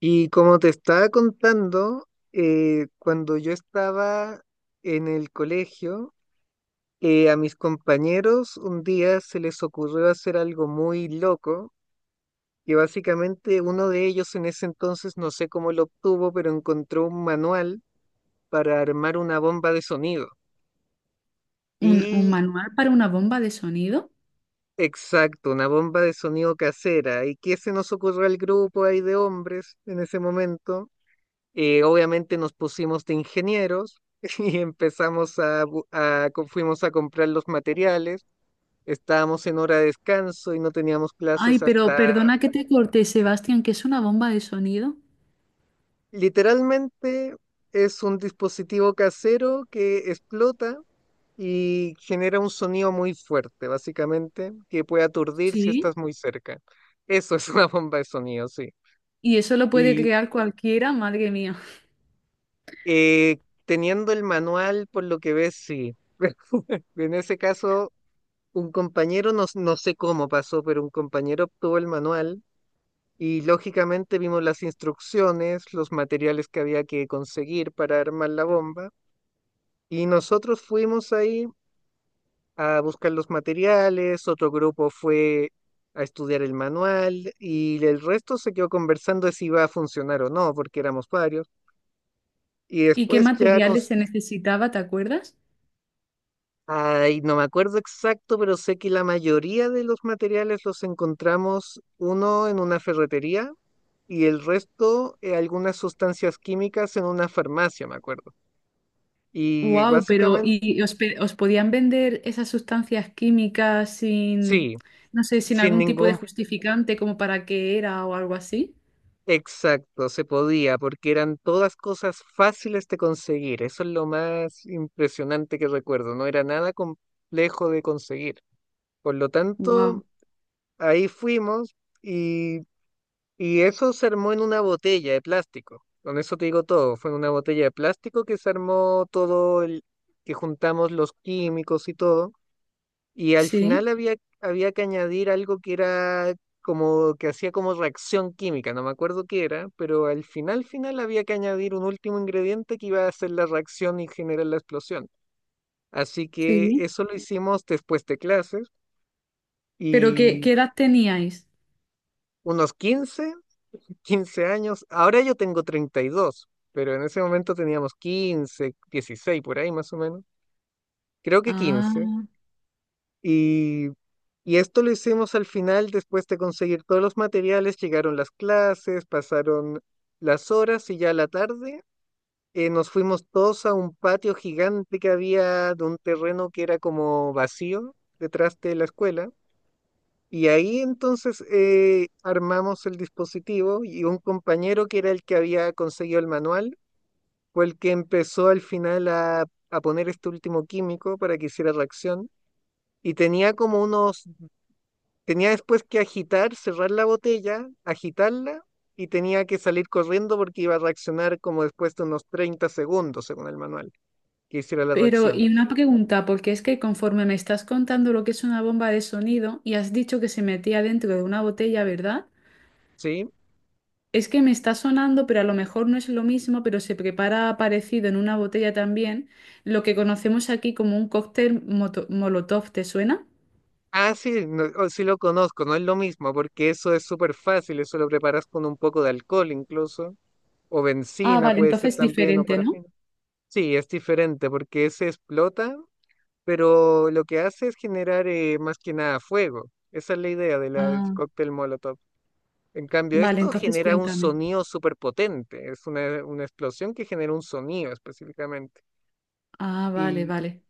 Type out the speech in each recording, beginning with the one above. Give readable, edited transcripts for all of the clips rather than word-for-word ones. Y como te estaba contando, cuando yo estaba en el colegio, a mis compañeros un día se les ocurrió hacer algo muy loco, que básicamente uno de ellos en ese entonces, no sé cómo lo obtuvo, pero encontró un manual para armar una bomba de sonido. ¿Un Y manual para una bomba de sonido? exacto, una bomba de sonido casera. ¿Y qué se nos ocurrió al grupo ahí de hombres en ese momento? Obviamente nos pusimos de ingenieros y empezamos a, bu- a co- fuimos a comprar los materiales. Estábamos en hora de descanso y no teníamos Ay, clases pero hasta. perdona que te corté, Sebastián, ¿que es una bomba de sonido? Literalmente es un dispositivo casero que explota y genera un sonido muy fuerte, básicamente, que puede aturdir si Sí. estás muy cerca. Eso es una bomba de sonido, sí. Y eso lo puede Y crear cualquiera, madre mía. eh, teniendo el manual, por lo que ves, sí. En ese caso un compañero, no, no sé cómo pasó, pero un compañero obtuvo el manual y lógicamente vimos las instrucciones, los materiales que había que conseguir para armar la bomba y nosotros fuimos ahí a buscar los materiales, otro grupo fue a estudiar el manual y el resto se quedó conversando de si iba a funcionar o no, porque éramos varios. Y ¿Y qué después ya, materiales se necesitaba, te acuerdas? ay, no me acuerdo exacto, pero sé que la mayoría de los materiales los encontramos uno en una ferretería y el resto algunas sustancias químicas en una farmacia, me acuerdo. Y Wow, pero básicamente, ¿y os podían vender esas sustancias químicas sin, sí, no sé, sin sin algún tipo de ningún justificante como para qué era o algo así? exacto, se podía, porque eran todas cosas fáciles de conseguir. Eso es lo más impresionante que recuerdo, no era nada complejo de conseguir. Por lo Wow, tanto, ahí fuimos y, y eso se armó en una botella de plástico. Con eso te digo todo, fue en una botella de plástico que se armó todo el, que juntamos los químicos y todo. Y al sí, final había, había que añadir algo que era como que hacía como reacción química, no me acuerdo qué era, pero al final, final había que añadir un último ingrediente que iba a hacer la reacción y generar la explosión. Así que sí. eso lo hicimos después de clases ¿Pero qué, y qué edad teníais? unos 15 15 años. Ahora yo tengo 32, pero en ese momento teníamos 15, 16 por ahí, más o menos. Creo que 15. Ah. Y, y esto lo hicimos al final, después de conseguir todos los materiales, llegaron las clases, pasaron las horas y ya a la tarde nos fuimos todos a un patio gigante que había de un terreno que era como vacío detrás de la escuela. Y ahí entonces armamos el dispositivo y un compañero que era el que había conseguido el manual fue el que empezó al final a poner este último químico para que hiciera reacción. Y tenía como unos Tenía después que agitar, cerrar la botella, agitarla y tenía que salir corriendo porque iba a reaccionar como después de unos 30 segundos, según el manual, que hiciera la Pero reacción. y una pregunta, porque es que conforme me estás contando lo que es una bomba de sonido y has dicho que se metía dentro de una botella, ¿verdad? ¿Sí? Es que me está sonando, pero a lo mejor no es lo mismo, pero se prepara parecido en una botella también, lo que conocemos aquí como un cóctel molotov, ¿te suena? Ah, sí, no, oh, sí lo conozco, no es lo mismo porque eso es súper fácil, eso lo preparas con un poco de alcohol incluso, o Ah, benzina vale. Correcto, puede ser entonces también, o diferente, ¿no? parafina. Sí, es diferente porque ese explota, pero lo que hace es generar más que nada fuego. Esa es la idea del Ah, cóctel Molotov. En cambio, vale, esto entonces genera un cuéntame. sonido súper potente, es una explosión que genera un sonido específicamente. Ah, vale, Y vale.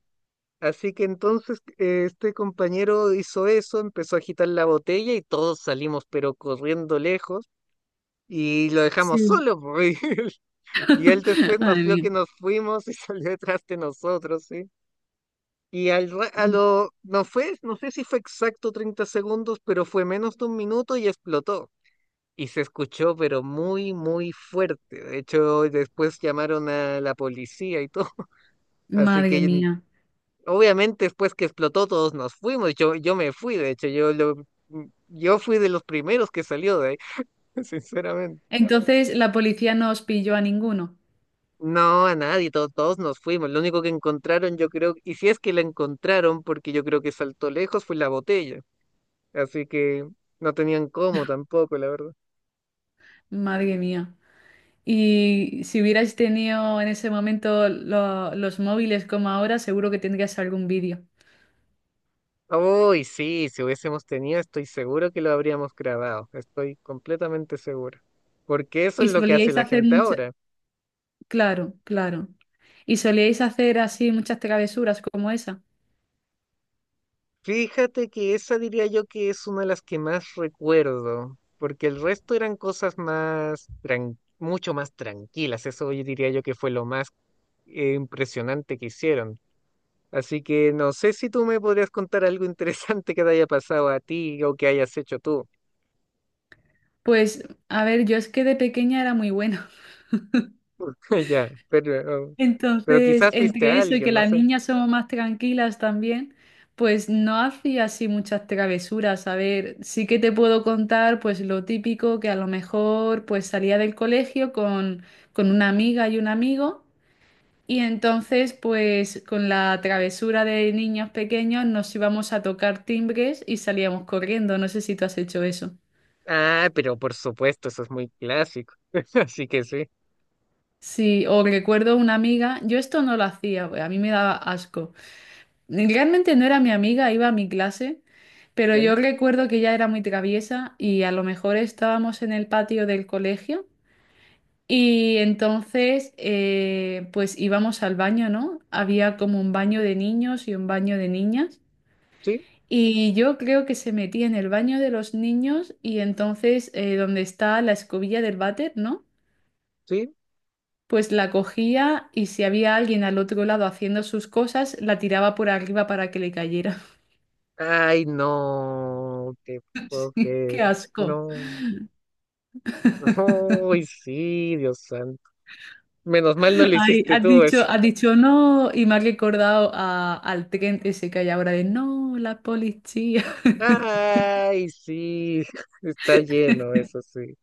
así que entonces este compañero hizo eso, empezó a agitar la botella y todos salimos pero corriendo lejos y lo dejamos Sí. solo. Y él después nos Madre vio mía. que nos fuimos y salió detrás de nosotros, ¿sí? Y al, ra- a lo, no fue, no sé si fue exacto 30 segundos, pero fue menos de un minuto y explotó. Y se escuchó, pero muy, muy fuerte. De hecho, después llamaron a la policía y todo. Así Madre que mía. obviamente después que explotó todos nos fuimos. Yo me fui, de hecho, yo fui de los primeros que salió de ahí, sinceramente. Entonces la policía no os pilló a ninguno. No, a nadie, todos nos fuimos. Lo único que encontraron, yo creo, y si es que la encontraron, porque yo creo que saltó lejos, fue la botella. Así que no tenían cómo tampoco, la verdad. Madre mía. Y si hubierais tenido en ese momento los móviles como ahora, seguro que tendrías algún vídeo. Uy, sí, si hubiésemos tenido, estoy seguro que lo habríamos grabado, estoy completamente seguro, porque eso es Y lo que hace solíais la hacer gente mucho, ahora. claro, claro. Y solíais hacer así muchas travesuras como esa. Fíjate que esa diría yo que es una de las que más recuerdo, porque el resto eran cosas más, mucho más tranquilas. Eso yo diría yo que fue lo más impresionante que hicieron. Así que no sé si tú me podrías contar algo interesante que te haya pasado a ti o que hayas hecho tú. Pues, a ver, yo es que de pequeña era muy buena. Ya, pero Entonces, quizás viste entre a eso y que alguien, no las sé. niñas somos más tranquilas también, pues no hacía así muchas travesuras. A ver, sí que te puedo contar pues lo típico, que a lo mejor pues salía del colegio con una amiga y un amigo, y entonces pues con la travesura de niños pequeños nos íbamos a tocar timbres y salíamos corriendo. No sé si tú has hecho eso. Ah, pero por supuesto, eso es muy clásico. Así que sí. Sí, o recuerdo una amiga, yo esto no lo hacía, a mí me daba asco. Realmente no era mi amiga, iba a mi clase, pero yo ¿Ya? recuerdo que ella era muy traviesa y a lo mejor estábamos en el patio del colegio y entonces pues íbamos al baño, ¿no? Había como un baño de niños y un baño de niñas, Sí, y yo creo que se metía en el baño de los niños y entonces, donde está la escobilla del váter, ¿no? sí. Pues la cogía y si había alguien al otro lado haciendo sus cosas, la tiraba por arriba para que le cayera. Ay, no, te puedo creer. ¡Qué asco! No. Ay, sí, Dios santo. Menos mal no lo Ay, hiciste tú eso. Has dicho no y me has recordado al tren ese que hay ahora de no, la policía. Ay, sí. Está lleno, eso sí.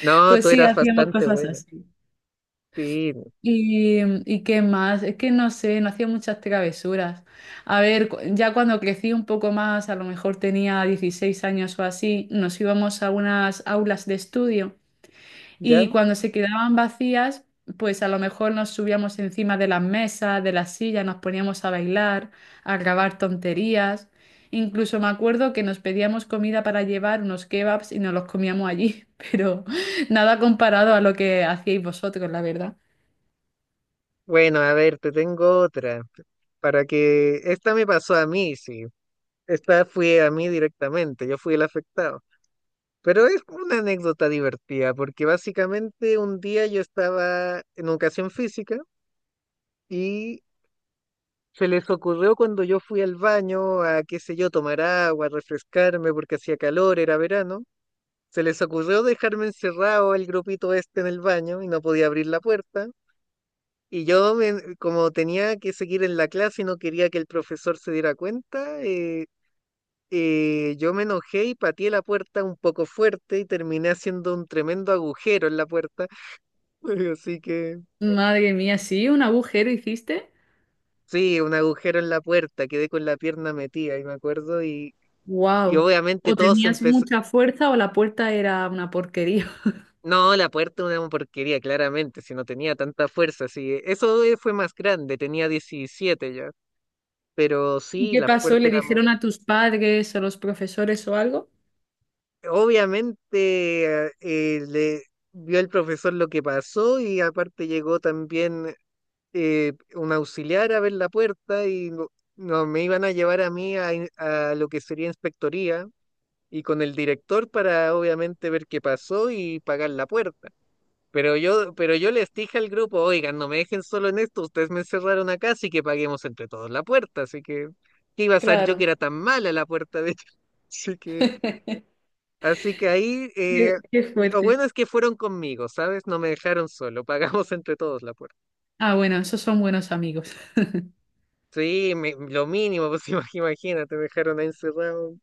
No, Pues tú sí, eras hacíamos bastante cosas buena. así. Sí, ¿Y, ¿y qué más? Es que no sé, no hacía muchas travesuras. A ver, ya cuando crecí un poco más, a lo mejor tenía 16 años o así, nos íbamos a unas aulas de estudio. ¿ya? Y cuando se quedaban vacías, pues a lo mejor nos subíamos encima de las mesas, de las sillas, nos poníamos a bailar, a grabar tonterías. Incluso me acuerdo que nos pedíamos comida para llevar unos kebabs y nos los comíamos allí, pero nada comparado a lo que hacíais vosotros, la verdad. Bueno, a ver, te tengo otra. Para que... Esta me pasó a mí, sí. Esta fue a mí directamente. Yo fui el afectado. Pero es como una anécdota divertida, porque básicamente un día yo estaba en educación física y se les ocurrió cuando yo fui al baño a, qué sé yo, tomar agua, refrescarme porque hacía calor, era verano, se les ocurrió dejarme encerrado el grupito este en el baño y no podía abrir la puerta. Y yo, como tenía que seguir en la clase y no quería que el profesor se diera cuenta, yo me enojé y pateé la puerta un poco fuerte y terminé haciendo un tremendo agujero en la puerta. Así que Madre mía, ¿sí? ¿Un agujero hiciste? sí, un agujero en la puerta, quedé con la pierna metida, y me acuerdo, y ¡Wow! obviamente O todo se tenías empezó. mucha fuerza o la puerta era una porquería. No, la puerta una porquería, claramente, si no tenía tanta fuerza, sí. Eso fue más grande, tenía 17 ya. Pero ¿Y sí, qué las pasó? ¿Le puertas eran. dijeron a tus padres o los profesores o algo? Obviamente le vio el profesor lo que pasó y aparte llegó también un auxiliar a ver la puerta y no, no, me iban a llevar a mí a lo que sería inspectoría y con el director para obviamente ver qué pasó y pagar la puerta. Pero yo les dije al grupo, oigan, no me dejen solo en esto, ustedes me encerraron acá, así que paguemos entre todos la puerta, así que, ¿qué iba a ser yo que Claro. era tan mala la puerta de hecho? Así que, así que ahí, Qué, qué lo fuerte. bueno es que fueron conmigo, ¿sabes? No me dejaron solo, pagamos entre todos la puerta. Ah, bueno, esos son buenos amigos. Sí, lo mínimo, pues, imagínate, me dejaron ahí encerrado,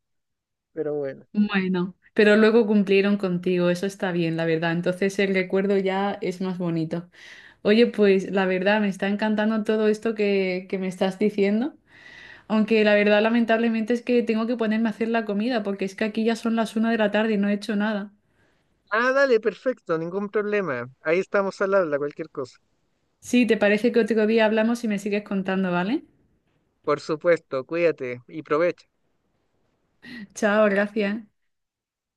pero bueno. Bueno, pero luego cumplieron contigo, eso está bien, la verdad. Entonces el recuerdo ya es más bonito. Oye, pues la verdad me está encantando todo esto que me estás diciendo, aunque la verdad lamentablemente es que tengo que ponerme a hacer la comida, porque es que aquí ya son las una de la tarde y no he hecho nada. Ah, dale, perfecto, ningún problema. Ahí estamos al habla, cualquier cosa. Sí, ¿te parece que otro día hablamos y me sigues contando, ¿vale? Por supuesto, cuídate y provecha. Chao, gracias.